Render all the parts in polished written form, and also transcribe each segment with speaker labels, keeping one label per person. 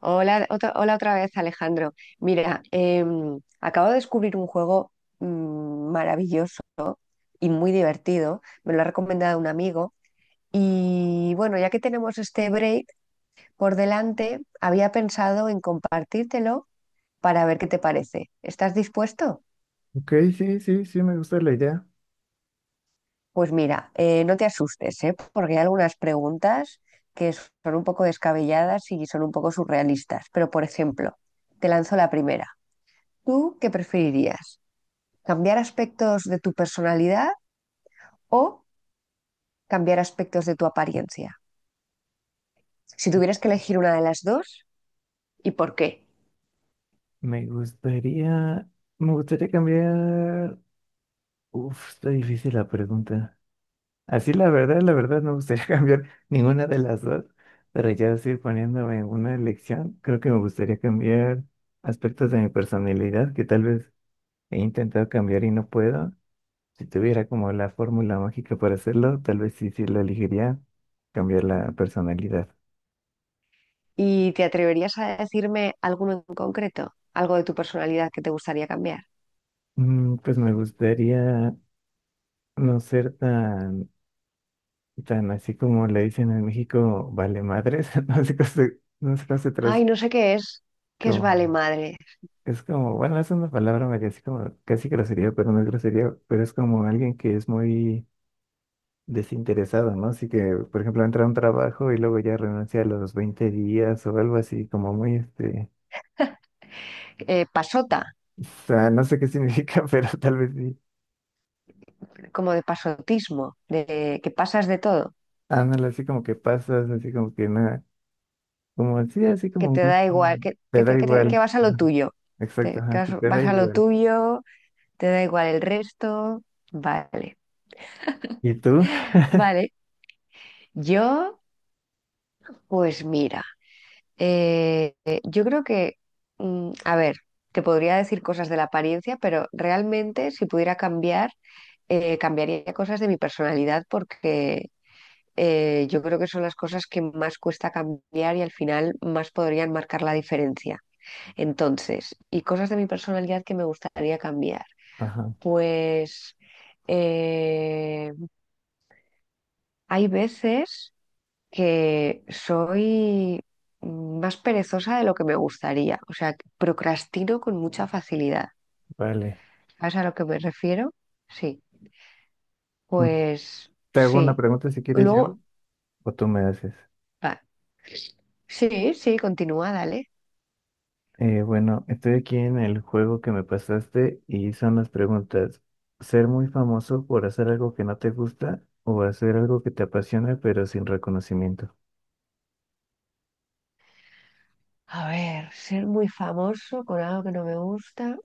Speaker 1: Hola otra vez, Alejandro. Mira, acabo de descubrir un juego maravilloso y muy divertido. Me lo ha recomendado un amigo. Y bueno, ya que tenemos este break por delante, había pensado en compartírtelo para ver qué te parece. ¿Estás dispuesto?
Speaker 2: Ok, sí, sí, sí, me gusta la idea.
Speaker 1: Pues mira, no te asustes, ¿eh? Porque hay algunas preguntas que son un poco descabelladas y son un poco surrealistas. Pero, por ejemplo, te lanzo la primera. ¿Tú qué preferirías? ¿Cambiar aspectos de tu personalidad o cambiar aspectos de tu apariencia? Si tuvieras que elegir una de las dos, ¿y por qué?
Speaker 2: Me gustaría, me gustaría cambiar. Uf, está difícil la pregunta. Así la verdad, no me gustaría cambiar ninguna de las dos, pero ya estoy poniéndome en una elección. Creo que me gustaría cambiar aspectos de mi personalidad que tal vez he intentado cambiar y no puedo. Si tuviera como la fórmula mágica para hacerlo, tal vez sí, sí la elegiría, cambiar la personalidad.
Speaker 1: ¿Y te atreverías a decirme alguno en concreto? ¿Algo de tu personalidad que te gustaría cambiar?
Speaker 2: Pues me gustaría no ser tan así como le dicen en México, vale madres, no sé cómo se,
Speaker 1: Ay, no sé qué es. ¿Qué es vale
Speaker 2: como-
Speaker 1: madre?
Speaker 2: es como, bueno, es una palabra medio así como casi grosería, pero no es grosería, pero es como alguien que es muy desinteresado, ¿no? Así que, por ejemplo, entra a un trabajo y luego ya renuncia a los 20 días o algo así, como muy este,
Speaker 1: Pasota,
Speaker 2: o sea, no sé qué significa, pero tal vez sí.
Speaker 1: como de pasotismo, de que pasas de todo,
Speaker 2: Ah, ándale, así como que pasas, así como que nada, como sí, así
Speaker 1: que
Speaker 2: como
Speaker 1: te
Speaker 2: muy,
Speaker 1: da igual,
Speaker 2: te da
Speaker 1: que
Speaker 2: igual.
Speaker 1: vas a lo
Speaker 2: Ajá,
Speaker 1: tuyo,
Speaker 2: exacto,
Speaker 1: que
Speaker 2: ajá,
Speaker 1: vas,
Speaker 2: que te da
Speaker 1: vas a lo
Speaker 2: igual.
Speaker 1: tuyo, te da igual el resto. Vale,
Speaker 2: ¿Y tú?
Speaker 1: vale. Yo, pues mira, yo creo que, a ver, te podría decir cosas de la apariencia, pero realmente si pudiera cambiar, cambiaría cosas de mi personalidad porque yo creo que son las cosas que más cuesta cambiar y al final más podrían marcar la diferencia. Entonces, y cosas de mi personalidad que me gustaría cambiar.
Speaker 2: Ajá,
Speaker 1: Pues eh, hay veces que soy más perezosa de lo que me gustaría, o sea, que procrastino con mucha facilidad.
Speaker 2: vale.
Speaker 1: ¿Sabes a lo que me refiero? Sí,
Speaker 2: Mm,
Speaker 1: pues
Speaker 2: Te hago una
Speaker 1: sí.
Speaker 2: pregunta si quieres yo
Speaker 1: Luego,
Speaker 2: o tú me haces.
Speaker 1: ah, sí, sí, continúa, dale.
Speaker 2: Bueno, estoy aquí en el juego que me pasaste y son las preguntas. ¿Ser muy famoso por hacer algo que no te gusta o hacer algo que te apasiona pero sin reconocimiento?
Speaker 1: A ver, ser muy famoso con algo que no me gusta.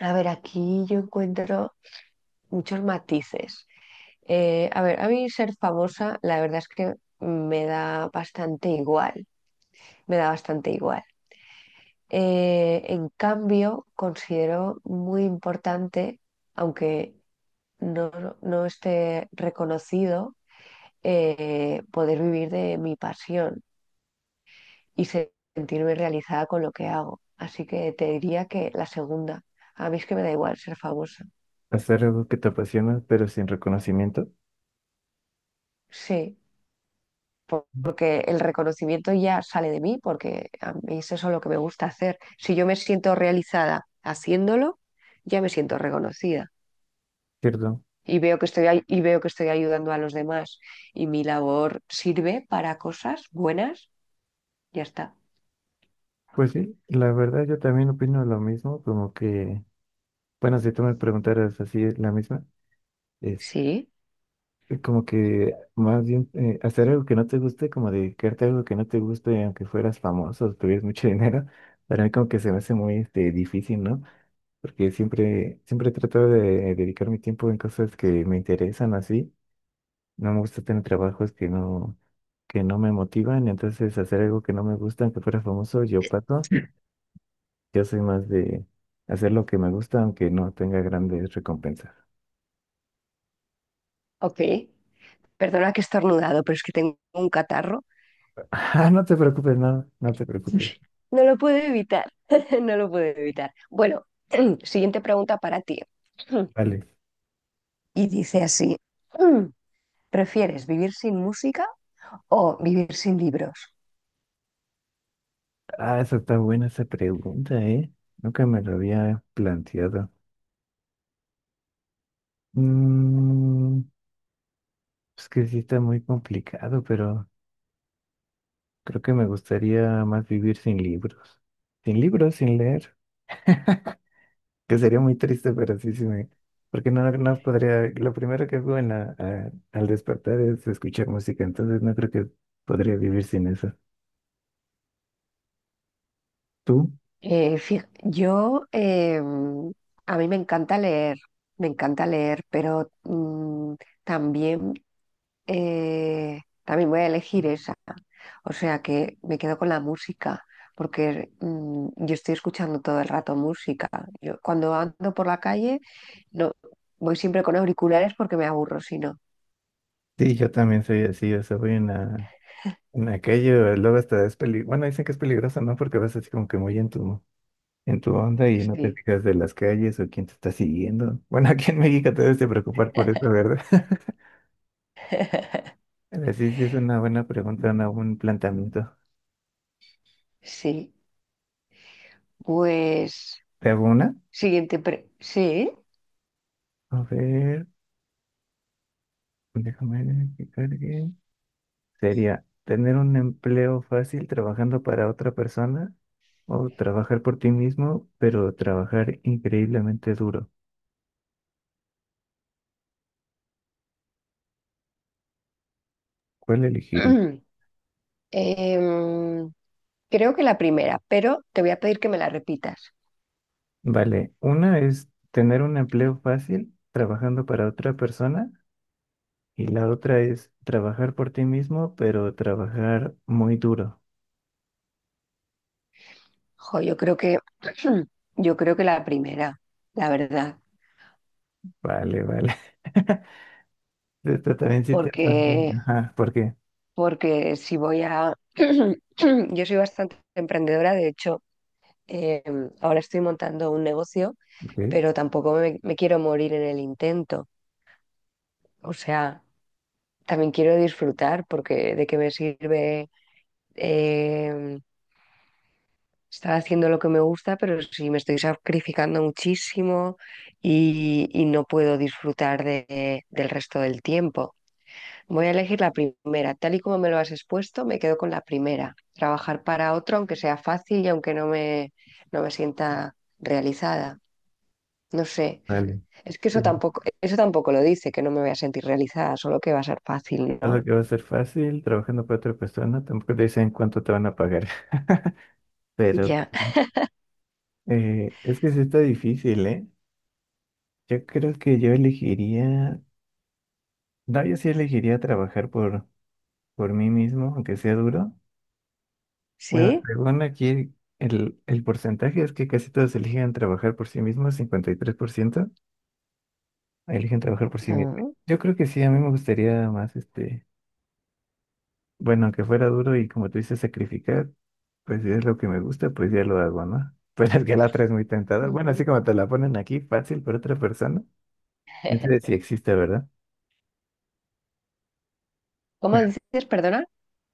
Speaker 1: A ver, aquí yo encuentro muchos matices. A ver, a mí ser famosa, la verdad es que me da bastante igual, me da bastante igual. En cambio, considero muy importante, aunque no, no esté reconocido, poder vivir de mi pasión y sentirme realizada con lo que hago. Así que te diría que la segunda. A mí es que me da igual ser famosa.
Speaker 2: Hacer algo que te apasiona pero sin reconocimiento.
Speaker 1: Sí,
Speaker 2: Ujú.
Speaker 1: porque el reconocimiento ya sale de mí, porque a mí es eso lo que me gusta hacer. Si yo me siento realizada haciéndolo, ya me siento reconocida.
Speaker 2: Cierto.
Speaker 1: Y veo que estoy, y veo que estoy ayudando a los demás y mi labor sirve para cosas buenas, ya está.
Speaker 2: Pues sí, la verdad yo también opino lo mismo, como que, bueno, si tú me preguntaras así la misma,
Speaker 1: Sí,
Speaker 2: como que más bien hacer algo que no te guste, como dedicarte a algo que no te guste, aunque fueras famoso, tuvieras mucho dinero, para mí como que se me hace muy este, difícil, ¿no? Porque siempre, siempre trato de dedicar mi tiempo en cosas que me interesan así. No me gusta tener trabajos que no me motivan, entonces hacer algo que no me gusta, aunque fuera famoso, yo paso. Yo soy más de hacer lo que me gusta, aunque no tenga grandes recompensas.
Speaker 1: ok. Perdona que he estornudado, pero es que tengo un catarro.
Speaker 2: Ah, no te preocupes, no, no te preocupes.
Speaker 1: No lo puedo evitar, no lo puedo evitar. Bueno, siguiente pregunta para ti.
Speaker 2: Vale.
Speaker 1: Y dice así, ¿prefieres vivir sin música o vivir sin libros?
Speaker 2: Ah, esa está buena esa pregunta, ¿eh? Nunca me lo había planteado. Mm, es que sí está muy complicado, pero creo que me gustaría más vivir sin libros. Sin libros, sin leer, que sería muy triste, pero sí, sí me... Porque no, no podría... Lo primero que hago al despertar es escuchar música, entonces no creo que podría vivir sin eso. ¿Tú?
Speaker 1: Yo, a mí me encanta leer, pero también, también voy a elegir esa. O sea que me quedo con la música, porque yo estoy escuchando todo el rato música. Yo cuando ando por la calle, no, voy siempre con auriculares porque me aburro, si no.
Speaker 2: Sí, yo también soy así, o sea, voy en aquello, luego hasta es bueno, dicen que es peligroso, ¿no? Porque vas así como que muy entusiasmado en tu onda y no te
Speaker 1: Sí,
Speaker 2: fijas de las calles o quién te está siguiendo. Bueno, aquí en México te debes de preocupar por eso, ¿verdad? Pero sí, sí es una buena pregunta, una, un buen planteamiento.
Speaker 1: sí. Pues,
Speaker 2: ¿Te hago una?
Speaker 1: sí.
Speaker 2: A ver, déjame ver que cargue. Sería tener un empleo fácil trabajando para otra persona o trabajar por ti mismo, pero trabajar increíblemente duro. ¿Cuál elegiría?
Speaker 1: Em, creo que la primera, pero te voy a pedir que me la repitas.
Speaker 2: Vale, una es tener un empleo fácil trabajando para otra persona. Y la otra es trabajar por ti mismo, pero trabajar muy duro.
Speaker 1: Jo, yo creo que, yo creo que la primera, la verdad,
Speaker 2: Vale, vale. Esto también sí te... transmite.
Speaker 1: porque,
Speaker 2: Ajá, ¿por qué?
Speaker 1: porque si voy a, yo soy bastante emprendedora, de hecho, eh, ahora estoy montando un negocio,
Speaker 2: Ok,
Speaker 1: pero tampoco me quiero morir en el intento. O sea, también quiero disfrutar, porque de qué me sirve. eh, estar haciendo lo que me gusta, pero sí me estoy sacrificando muchísimo y no puedo disfrutar del resto del tiempo. Voy a elegir la primera. Tal y como me lo has expuesto, me quedo con la primera. Trabajar para otro, aunque sea fácil y aunque no me, no me sienta realizada. No sé.
Speaker 2: vale.
Speaker 1: Es que
Speaker 2: Sí.
Speaker 1: eso tampoco lo dice, que no me voy a sentir realizada, solo que va a ser fácil, ¿no?
Speaker 2: Solo que va a ser fácil, trabajando para otra persona, tampoco te dicen cuánto te van a pagar. Pero
Speaker 1: Ya.
Speaker 2: es que sí está difícil, ¿eh? Yo creo que yo elegiría, no, yo sí elegiría trabajar por mí mismo, aunque sea duro. Bueno,
Speaker 1: ¿Sí?
Speaker 2: según aquí, el porcentaje es que casi todos eligen trabajar por sí mismos, 53% eligen trabajar por sí mismos.
Speaker 1: Ah.
Speaker 2: Yo creo que sí, a mí me gustaría más, este, bueno, aunque fuera duro y como tú dices, sacrificar, pues si es lo que me gusta, pues ya lo hago, ¿no? Pero es que la otra es muy tentadora. Bueno, así
Speaker 1: Ujú.
Speaker 2: como te la ponen aquí, fácil para otra persona. Entonces sí existe, ¿verdad?
Speaker 1: ¿Cómo dices, perdona?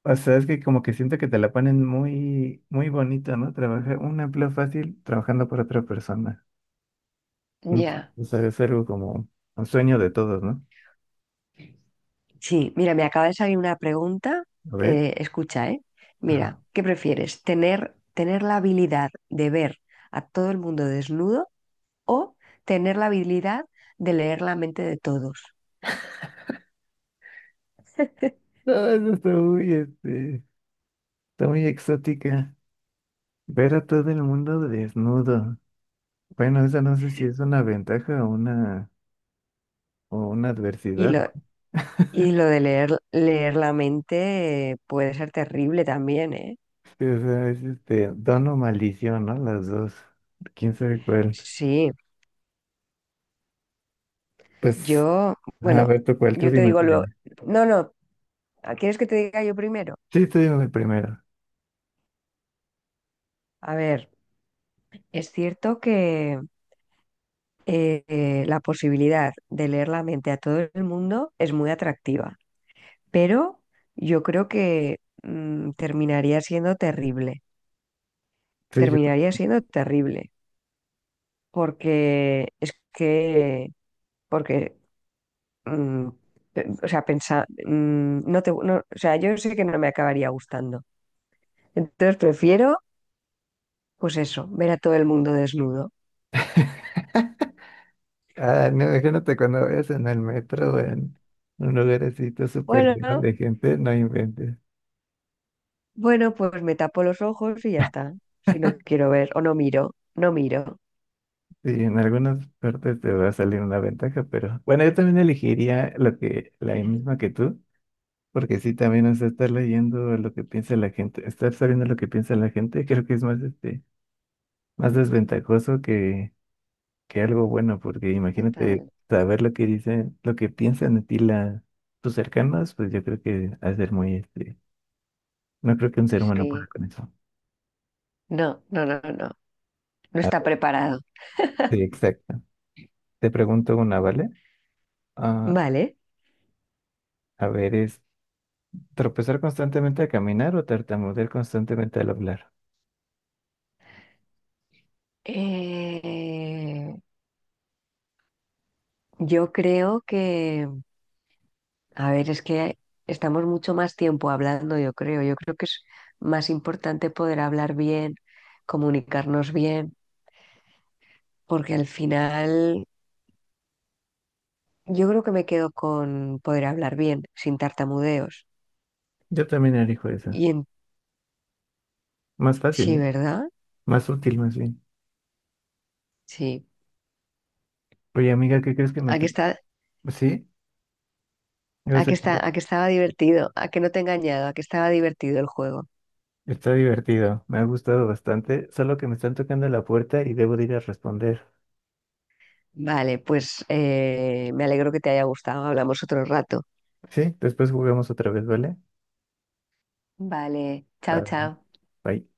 Speaker 2: O sea, es que como que siento que te la ponen muy, muy bonito, ¿no? Trabajar un empleo fácil trabajando por otra persona. No,
Speaker 1: Ya.
Speaker 2: pues, es algo como un sueño de todos, ¿no?
Speaker 1: Sí, mira, me acaba de salir una pregunta.
Speaker 2: A ver.
Speaker 1: Escucha, ¿eh?
Speaker 2: Ah.
Speaker 1: Mira, ¿qué prefieres? Tener la habilidad de ver a todo el mundo desnudo o tener la habilidad de leer la mente de todos?
Speaker 2: No, eso está muy, este, está muy exótica. Ver a todo el mundo desnudo. Bueno, esa no sé si es una ventaja o una
Speaker 1: Y
Speaker 2: adversidad.
Speaker 1: lo, y lo de leer, leer la mente puede ser terrible también, ¿eh?
Speaker 2: Sí, o sea, es este, don o maldición, ¿no? Las dos. ¿Quién sabe cuál?
Speaker 1: Sí,
Speaker 2: Pues,
Speaker 1: yo,
Speaker 2: a
Speaker 1: bueno,
Speaker 2: ver, tú cuál, tú
Speaker 1: yo te
Speaker 2: dime.
Speaker 1: digo
Speaker 2: Tú
Speaker 1: luego.
Speaker 2: dime.
Speaker 1: No, no, ¿quieres que te diga yo primero?
Speaker 2: Sí, tú dime primero.
Speaker 1: A ver, es cierto que la posibilidad de leer la mente a todo el mundo es muy atractiva, pero yo creo que mm, terminaría siendo terrible,
Speaker 2: Sí, yo.
Speaker 1: terminaría siendo terrible, porque es que, porque, mm, o sea, no te, o sea, yo sé que no me acabaría gustando, entonces prefiero, pues eso, ver a todo el mundo desnudo.
Speaker 2: Ah, no, imagínate cuando vayas en el metro o en un lugar así,
Speaker 1: Bueno,
Speaker 2: lleno de gente, no inventes.
Speaker 1: bueno, pues me tapo los ojos y ya está. Si no quiero ver, o no miro, no miro.
Speaker 2: Sí, en algunas partes te va a salir una ventaja, pero bueno, yo también elegiría lo que, la misma que tú, porque sí, también, o sea, estar leyendo lo que piensa la gente, estar sabiendo lo que piensa la gente, creo que es más, este, más desventajoso que algo bueno, porque imagínate
Speaker 1: Total.
Speaker 2: saber lo que dicen, lo que piensan de ti la, tus cercanos, pues yo creo que ha de ser muy, este, no creo que un ser humano pueda
Speaker 1: Sí,
Speaker 2: con eso.
Speaker 1: no, no, no, no, no
Speaker 2: A
Speaker 1: está
Speaker 2: ver,
Speaker 1: preparado.
Speaker 2: sí, exacto. Te pregunto una, ¿vale? Ah,
Speaker 1: Vale.
Speaker 2: a ver, ¿tropezar constantemente al caminar o tartamudear constantemente al hablar?
Speaker 1: Eh, yo creo que, a ver, es que estamos mucho más tiempo hablando, yo creo. Yo creo que es más importante poder hablar bien, comunicarnos bien, porque al final yo creo que me quedo con poder hablar bien, sin tartamudeos.
Speaker 2: Yo también elijo esa.
Speaker 1: Y en,
Speaker 2: Más fácil,
Speaker 1: sí,
Speaker 2: ¿no?
Speaker 1: ¿verdad?
Speaker 2: Más útil, más bien.
Speaker 1: Sí.
Speaker 2: Oye, amiga, ¿qué crees que me
Speaker 1: A
Speaker 2: está...
Speaker 1: que está,
Speaker 2: Sí, o
Speaker 1: a
Speaker 2: sea,
Speaker 1: que está,
Speaker 2: está
Speaker 1: a que estaba divertido, a que no te he engañado, a que estaba divertido el juego.
Speaker 2: está divertido. Me ha gustado bastante. Solo que me están tocando la puerta y debo de ir a responder.
Speaker 1: Vale, pues me alegro que te haya gustado. Hablamos otro rato.
Speaker 2: Sí, después jugamos otra vez, ¿vale?
Speaker 1: Vale,
Speaker 2: Va,
Speaker 1: chao, chao.
Speaker 2: Bye.